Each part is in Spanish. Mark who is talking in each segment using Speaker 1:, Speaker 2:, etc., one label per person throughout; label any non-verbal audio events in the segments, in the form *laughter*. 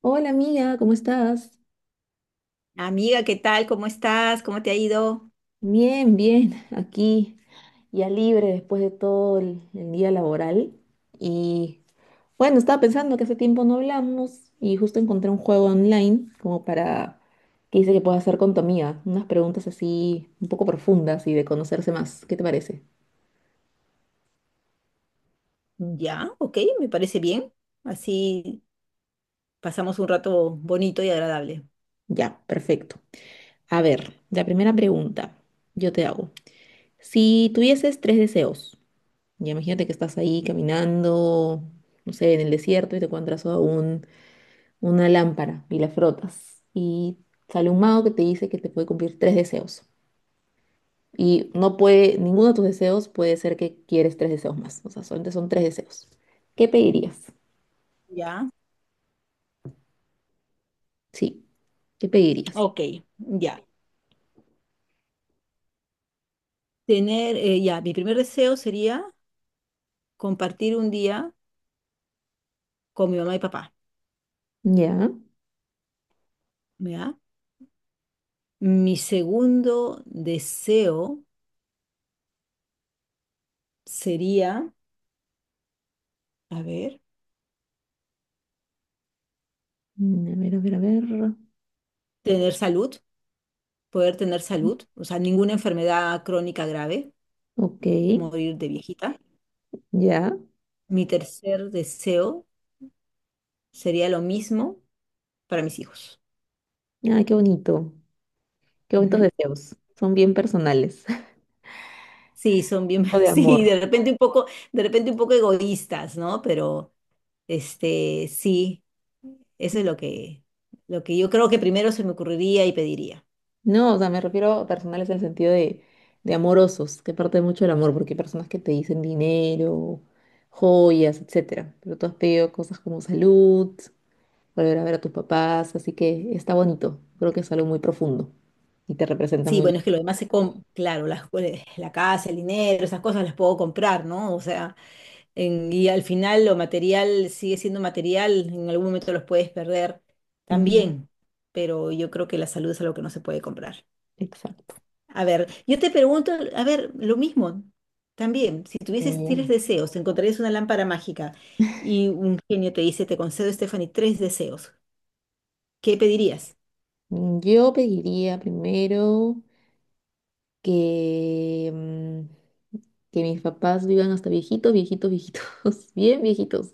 Speaker 1: Hola amiga, ¿cómo estás?
Speaker 2: Amiga, ¿qué tal? ¿Cómo estás? ¿Cómo te ha ido?
Speaker 1: Bien, bien, *laughs* aquí ya libre después de todo el día laboral. Y bueno, Estaba pensando que hace tiempo no hablamos y justo encontré un juego online como para que dice que puedo hacer con tu amiga, unas preguntas así un poco profundas y de conocerse más. ¿Qué te parece?
Speaker 2: Ya, ok, me parece bien. Así pasamos un rato bonito y agradable.
Speaker 1: Ya, perfecto. A ver, la primera pregunta yo te hago. Si tuvieses tres deseos, ya imagínate que estás ahí caminando, no sé, en el desierto y te encuentras a un una lámpara y la frotas y sale un mago que te dice que te puede cumplir tres deseos. Y no puede, ninguno de tus deseos puede ser que quieres tres deseos más. O sea, solamente son tres deseos. ¿Qué pedirías?
Speaker 2: Ya,
Speaker 1: Sí, ¿qué pedirías?
Speaker 2: ok, ya. Ya, mi primer deseo sería compartir un día con mi mamá y papá,
Speaker 1: Ya.
Speaker 2: ¿ya? Mi segundo deseo sería, a ver,
Speaker 1: A ver, a ver, a ver.
Speaker 2: tener salud, poder tener salud, o sea, ninguna enfermedad crónica grave,
Speaker 1: Ok,
Speaker 2: morir de viejita.
Speaker 1: ya.
Speaker 2: Mi tercer deseo sería lo mismo para mis hijos.
Speaker 1: Ah, qué bonito. Qué bonitos
Speaker 2: Ujú.
Speaker 1: deseos. Son bien personales. *laughs*
Speaker 2: Sí, son bien,
Speaker 1: O
Speaker 2: *laughs*
Speaker 1: de amor.
Speaker 2: sí, de repente un poco egoístas, ¿no? Pero sí, eso es lo que yo creo que primero se me ocurriría y pediría.
Speaker 1: No, o sea, me refiero a personales en el sentido de amorosos, que parte mucho del amor, porque hay personas que te dicen dinero, joyas, etcétera. Pero tú has pedido cosas como salud, volver a ver a tus papás, así que está bonito. Creo que es algo muy profundo y te representa
Speaker 2: Sí,
Speaker 1: muy
Speaker 2: bueno, es que
Speaker 1: bien.
Speaker 2: lo demás se compra, claro, la casa, el dinero, esas cosas las puedo comprar, ¿no? O sea, y al final lo material sigue siendo material, en algún momento los puedes perder
Speaker 1: Ujú.
Speaker 2: también, pero yo creo que la salud es algo que no se puede comprar.
Speaker 1: Exacto.
Speaker 2: A ver, yo te pregunto, a ver, lo mismo también, si
Speaker 1: Muy
Speaker 2: tuvieses tres
Speaker 1: bien.
Speaker 2: deseos, te encontrarías una lámpara mágica y un genio te dice, te concedo, Stephanie, tres deseos, ¿qué pedirías?
Speaker 1: Yo pediría primero que, que mis papás vivan hasta viejitos, viejitos, viejitos, *laughs* bien viejitos,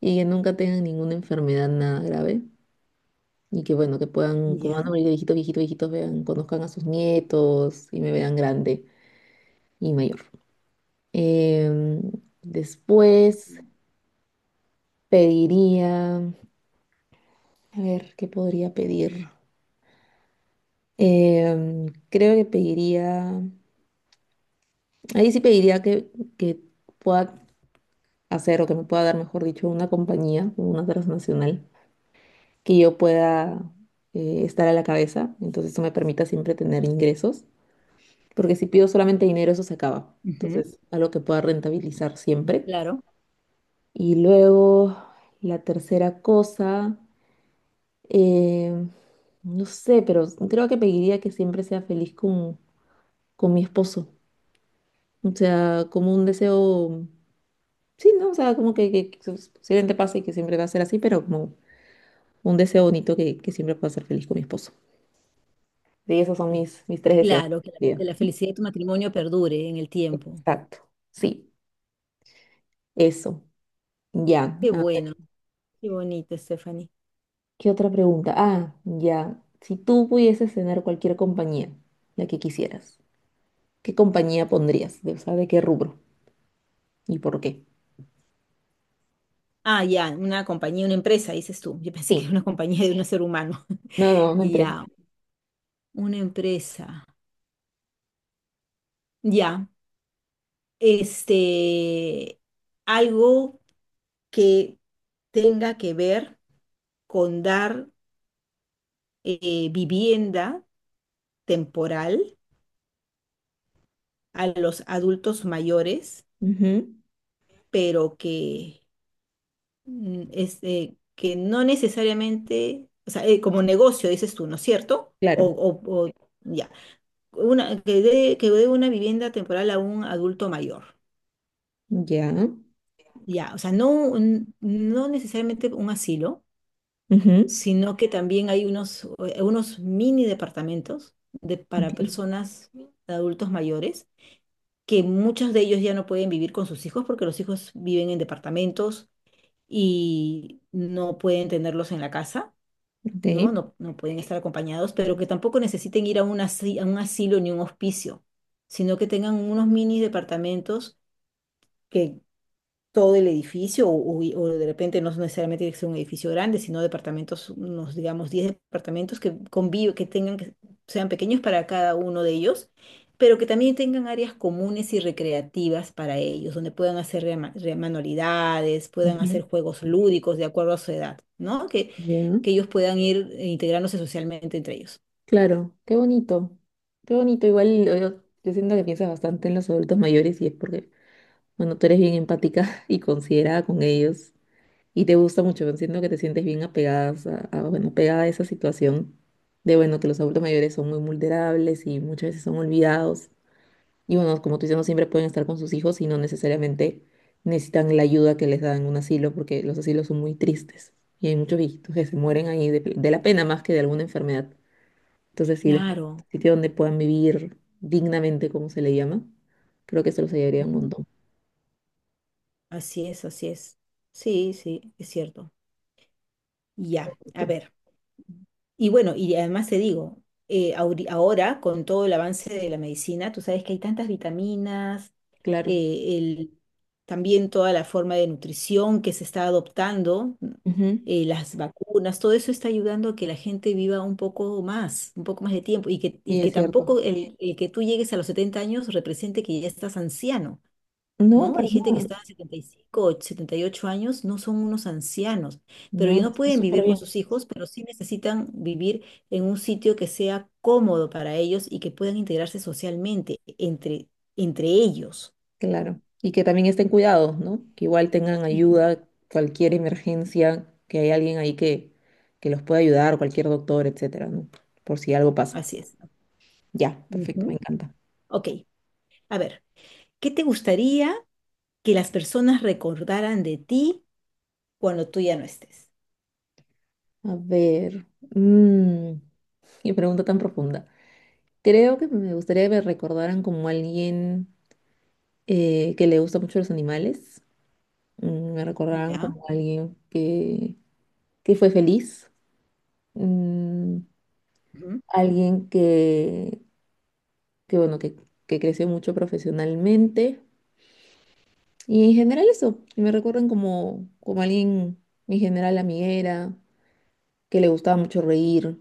Speaker 1: y que nunca tengan ninguna enfermedad, nada grave. Y que bueno, que puedan, como van a
Speaker 2: Ya.
Speaker 1: morir de viejitos, viejitos, viejitos, vean, conozcan a sus nietos y me vean grande y mayor. Em, Después pediría, a ver, ¿qué podría pedir? Creo que pediría, ahí sí pediría que pueda hacer o que me pueda dar, mejor dicho, una compañía, una transnacional, que yo pueda estar a la cabeza. Entonces eso me permita siempre tener ingresos, porque si pido solamente dinero, eso se acaba.
Speaker 2: Ujú,
Speaker 1: Entonces, algo que pueda rentabilizar siempre.
Speaker 2: claro,
Speaker 1: Y luego, la tercera cosa, eh, no sé, pero creo que pediría que siempre sea feliz con mi esposo. O sea, como un deseo, sí, ¿no? O sea, como que su- posiblemente pase y que siempre va a ser así, pero como un deseo bonito que siempre pueda ser feliz con mi esposo. Sí, esos son mis tres deseos.
Speaker 2: claro, que la, que
Speaker 1: Bien,
Speaker 2: la felicidad de tu matrimonio perdure en el tiempo.
Speaker 1: exacto. Sí, eso. Ya.
Speaker 2: Qué bueno, qué bonito, Stephanie.
Speaker 1: ¿Qué otra pregunta? Ah, ya. Si tú pudieses cenar cualquier compañía, la que quisieras, ¿qué compañía pondrías? ¿De, o sea, de qué rubro? ¿Y por qué?
Speaker 2: Ah, ya, una compañía, una empresa, dices tú. Yo pensé que era
Speaker 1: Sí.
Speaker 2: una compañía de un ser humano. *laughs*
Speaker 1: No, no, una empresa.
Speaker 2: Ya, una empresa. Ya, este, algo que tenga que ver con dar vivienda temporal a los adultos mayores,
Speaker 1: Ujú.
Speaker 2: pero que, que no necesariamente, o sea, como negocio, dices tú, ¿no es cierto? O,
Speaker 1: Claro.
Speaker 2: o, o- ya. Una, que dé, una vivienda temporal a un adulto mayor.
Speaker 1: Ya.
Speaker 2: Ya, o sea, no, no necesariamente un asilo,
Speaker 1: Ujú.
Speaker 2: sino que también hay unos mini departamentos
Speaker 1: Ok.
Speaker 2: para personas, adultos mayores, que muchos de ellos ya no pueden vivir con sus hijos porque los hijos viven en departamentos y no pueden tenerlos en la casa.
Speaker 1: Ok,
Speaker 2: ¿No? No, no pueden estar acompañados, pero que tampoco necesiten ir a a un asilo ni un hospicio, sino que tengan unos mini departamentos que todo el edificio, o de repente no necesariamente tiene que ser un edificio grande, sino departamentos, unos digamos 10 departamentos que conviven, que tengan, que sean pequeños para cada uno de ellos, pero que también tengan áreas comunes y recreativas para ellos, donde puedan hacer manualidades, puedan
Speaker 1: ujú,
Speaker 2: hacer juegos lúdicos de acuerdo a su edad, ¿no? Que,
Speaker 1: ya.
Speaker 2: que ellos puedan ir integrándose socialmente entre ellos.
Speaker 1: Claro. Qué bonito. Qué bonito. Igual yo, yo siento que piensas bastante en los adultos mayores y es porque, bueno, tú eres bien empática *laughs* y considerada con ellos. Y te gusta mucho, entiendo que te sientes bien apegadas a, bueno, pegada a esa situación de, bueno, que los adultos mayores son muy vulnerables y muchas veces son olvidados. Y bueno, como tú dices, no siempre pueden estar con sus hijos y no necesariamente necesitan la ayuda que les da en un asilo porque los asilos son muy tristes y hay muchos viejitos que se mueren ahí de la pena más que de alguna enfermedad. Entonces, si les un
Speaker 2: Claro.
Speaker 1: sitio donde puedan vivir dignamente, como se le llama, creo que se los ayudaría un
Speaker 2: Ujú.
Speaker 1: montón.
Speaker 2: Así es, así es. Sí, sí, es cierto. Ya, a ver. Y bueno, y además te digo, ahora con todo el avance de la medicina, tú sabes que hay tantas vitaminas,
Speaker 1: Claro.
Speaker 2: eh, el, también toda la forma de nutrición que se está adoptando, ¿no?
Speaker 1: Ujú.
Speaker 2: Las vacunas, todo eso está ayudando a que la gente viva un poco más de tiempo, y que,
Speaker 1: Sí,
Speaker 2: y que
Speaker 1: es cierto.
Speaker 2: tampoco el que tú llegues a los 70 años represente que ya estás anciano.
Speaker 1: No,
Speaker 2: ¿No? Hay
Speaker 1: para
Speaker 2: gente que
Speaker 1: nada.
Speaker 2: está en 75, 78 años, no son unos ancianos, pero ellos
Speaker 1: No,
Speaker 2: no
Speaker 1: está
Speaker 2: pueden
Speaker 1: súper
Speaker 2: vivir con
Speaker 1: bien.
Speaker 2: sus hijos, pero sí necesitan vivir en un sitio que sea cómodo para ellos y que puedan integrarse socialmente entre ellos.
Speaker 1: Claro. Y que también estén cuidados, ¿no? Que igual tengan
Speaker 2: Y
Speaker 1: ayuda, cualquier emergencia, que hay alguien ahí que los pueda ayudar, cualquier doctor, etcétera, ¿no? Por si algo pasa.
Speaker 2: así es.
Speaker 1: Ya, perfecto, me
Speaker 2: Ujú.
Speaker 1: encanta.
Speaker 2: Ok, a ver, ¿qué te gustaría que las personas recordaran de ti cuando tú ya no estés?
Speaker 1: A ver, mm, qué pregunta tan profunda. Creo que me gustaría que me recordaran como alguien que le gusta mucho los animales. Me recordaran
Speaker 2: ¿Ya?
Speaker 1: como que fue feliz. Mm,
Speaker 2: Ujú.
Speaker 1: Alguien que bueno, que creció mucho profesionalmente. Y en general eso, y me recuerdan como, como alguien en general amiguera, que le gustaba mucho reír,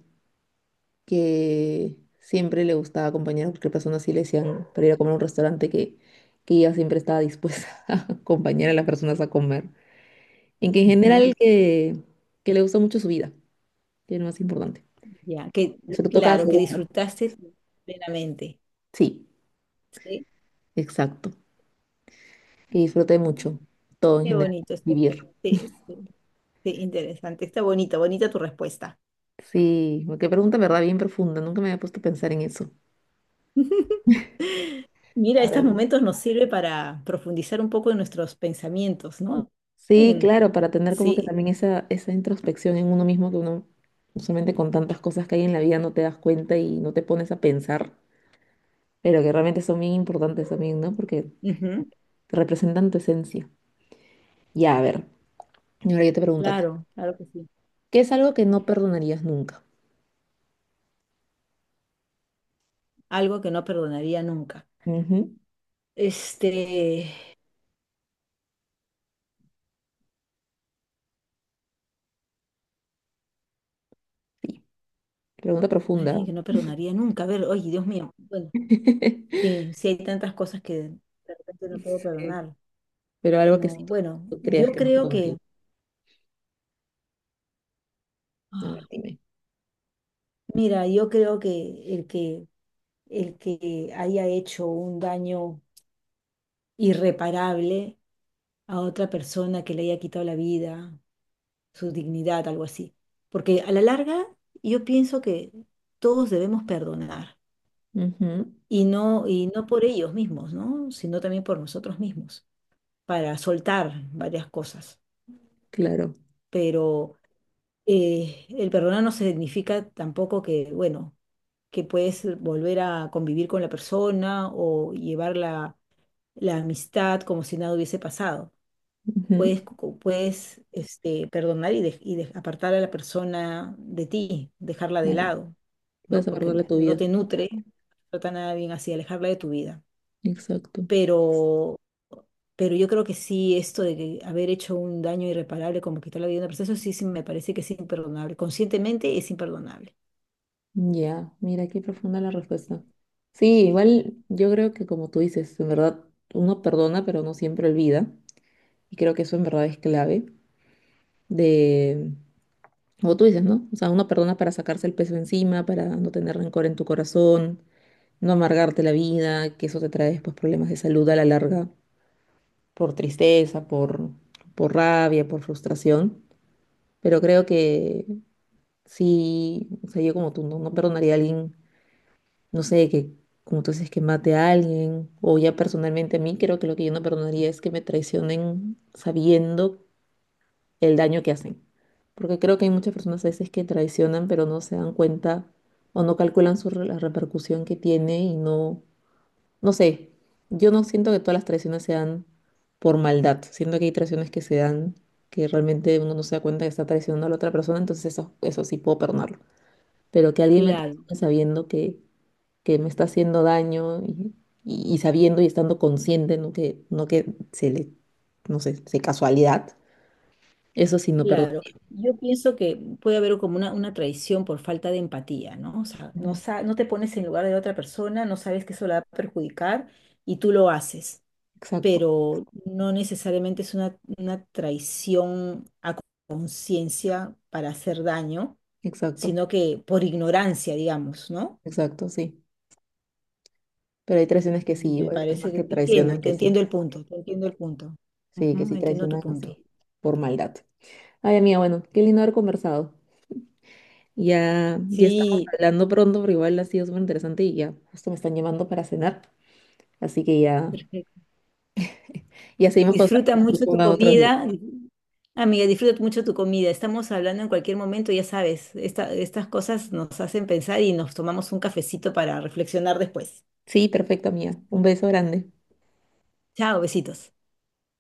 Speaker 1: que siempre le gustaba acompañar a cualquier persona, así le decían, para ir a comer a un restaurante que ella siempre estaba dispuesta *laughs* a acompañar a las personas a comer. En que en
Speaker 2: Ujú.
Speaker 1: general que le gustó mucho su vida, que es lo más importante.
Speaker 2: Ya, que
Speaker 1: Sobre todo cada
Speaker 2: claro, que
Speaker 1: segundo.
Speaker 2: disfrutaste plenamente,
Speaker 1: Sí,
Speaker 2: ¿sí?
Speaker 1: exacto. Que disfrute mucho todo en
Speaker 2: Qué
Speaker 1: general,
Speaker 2: bonito, Estefan.
Speaker 1: vivir.
Speaker 2: Sí, sí, sí, interesante. Está bonito, bonita tu respuesta.
Speaker 1: Sí, qué pregunta, en ¿verdad? Bien profunda. Nunca me había puesto a pensar en eso.
Speaker 2: *laughs* Mira,
Speaker 1: A ver.
Speaker 2: estos momentos nos sirve para profundizar un poco en nuestros pensamientos, ¿no?
Speaker 1: Sí,
Speaker 2: En-
Speaker 1: claro, para tener como que
Speaker 2: sí,
Speaker 1: también esa introspección en uno mismo que uno usualmente con tantas cosas que hay en la vida no te das cuenta y no te pones a pensar, pero que realmente son bien importantes también, ¿no? Porque
Speaker 2: ujú,
Speaker 1: representan tu esencia. Ya, a ver, y ahora yo te pregunto a ti,
Speaker 2: claro, claro que sí.
Speaker 1: ¿qué es algo que no perdonarías nunca?
Speaker 2: Algo que no perdonaría nunca.
Speaker 1: Ujú.
Speaker 2: Este,
Speaker 1: Sí, pregunta profunda.
Speaker 2: alguien que no perdonaría nunca. A ver, oye, Dios mío. Bueno,
Speaker 1: *laughs*
Speaker 2: sí, sí hay tantas cosas que de repente no puedo
Speaker 1: Sí,
Speaker 2: perdonar.
Speaker 1: pero algo que
Speaker 2: No,
Speaker 1: sí
Speaker 2: bueno,
Speaker 1: tú creas que no perdonarías. A ver,
Speaker 2: ah,
Speaker 1: dime.
Speaker 2: mira, yo creo que el que haya hecho un daño irreparable a otra persona, que le haya quitado la vida, su dignidad, algo así. Porque a la larga yo pienso que todos debemos perdonar,
Speaker 1: Ujú.
Speaker 2: y no, por ellos mismos, ¿no? Sino también por nosotros mismos, para soltar varias cosas.
Speaker 1: Claro.
Speaker 2: Pero el perdonar no significa tampoco que, bueno, que puedes volver a convivir con la persona o llevarla la amistad como si nada hubiese pasado.
Speaker 1: Ujú.
Speaker 2: Puedes, perdonar y, apartar a la persona de ti, dejarla de
Speaker 1: Claro,
Speaker 2: lado,
Speaker 1: puedes
Speaker 2: ¿no? Porque
Speaker 1: abordarle tu
Speaker 2: no
Speaker 1: vida.
Speaker 2: te nutre, no trata nada bien así, alejarla de tu vida.
Speaker 1: Exacto.
Speaker 2: Pero, pero yo creo que sí, esto de que haber hecho un daño irreparable, como quitar la vida de una persona, eso sí, sí me parece que es imperdonable. Conscientemente es imperdonable.
Speaker 1: Ya, mira qué profunda la respuesta. Sí,
Speaker 2: Sí.
Speaker 1: igual yo creo que como tú dices, en verdad uno perdona, pero no siempre olvida. Y creo que eso en verdad es clave de, como tú dices, ¿no? O sea, uno perdona para sacarse el peso encima, para no tener rencor en tu corazón, no amargarte la vida, que eso te trae después problemas de salud a la larga, por tristeza, por rabia, por frustración. Pero creo que Sí, o sea, yo como tú no, no perdonaría a alguien, no sé, que como tú dices, que mate a alguien, o ya personalmente a mí, creo que lo que yo no perdonaría es que me traicionen sabiendo el daño que hacen. Porque creo que hay muchas personas a veces que traicionan, pero no se dan cuenta o no calculan la repercusión que tiene y no sé, yo no siento que todas las traiciones sean por maldad, siento que hay traiciones que se dan que realmente uno no se da cuenta que está traicionando a la otra persona, entonces eso sí puedo perdonarlo, pero que alguien me
Speaker 2: Claro.
Speaker 1: traicione sabiendo que me está haciendo daño y sabiendo y estando consciente, no que se le, no sé, se casualidad, eso sí no perdono.
Speaker 2: Claro, yo pienso que puede haber como una, traición por falta de empatía, ¿no? O sea, no,
Speaker 1: Ujú.
Speaker 2: no te pones en lugar de la otra persona, no sabes que eso la va a perjudicar y tú lo haces,
Speaker 1: Exacto,
Speaker 2: pero no necesariamente es una, traición a conciencia para hacer daño,
Speaker 1: exacto,
Speaker 2: sino que por ignorancia, digamos, ¿no?
Speaker 1: exacto, sí. Pero hay traiciones que sí, o
Speaker 2: Me
Speaker 1: hay
Speaker 2: parece
Speaker 1: personas
Speaker 2: que
Speaker 1: que traicionan
Speaker 2: te
Speaker 1: que sí,
Speaker 2: entiendo el punto, te entiendo el punto.
Speaker 1: sí, que
Speaker 2: Ujú,
Speaker 1: sí
Speaker 2: entiendo tu
Speaker 1: traicionan
Speaker 2: punto.
Speaker 1: así, por maldad. Ay, amiga, bueno, qué lindo haber conversado. Ya, ya estamos
Speaker 2: Sí,
Speaker 1: hablando pronto, pero igual ha sido súper interesante y ya, justo me están llamando para cenar. Así que ya, ya seguimos
Speaker 2: disfruta mucho tu
Speaker 1: conversando otros.
Speaker 2: comida. Amiga, disfruta mucho tu comida. Estamos hablando en cualquier momento, ya sabes, estas cosas nos hacen pensar y nos tomamos un cafecito para reflexionar después.
Speaker 1: Sí, perfecto, amiga. Un beso grande.
Speaker 2: Chao, besitos.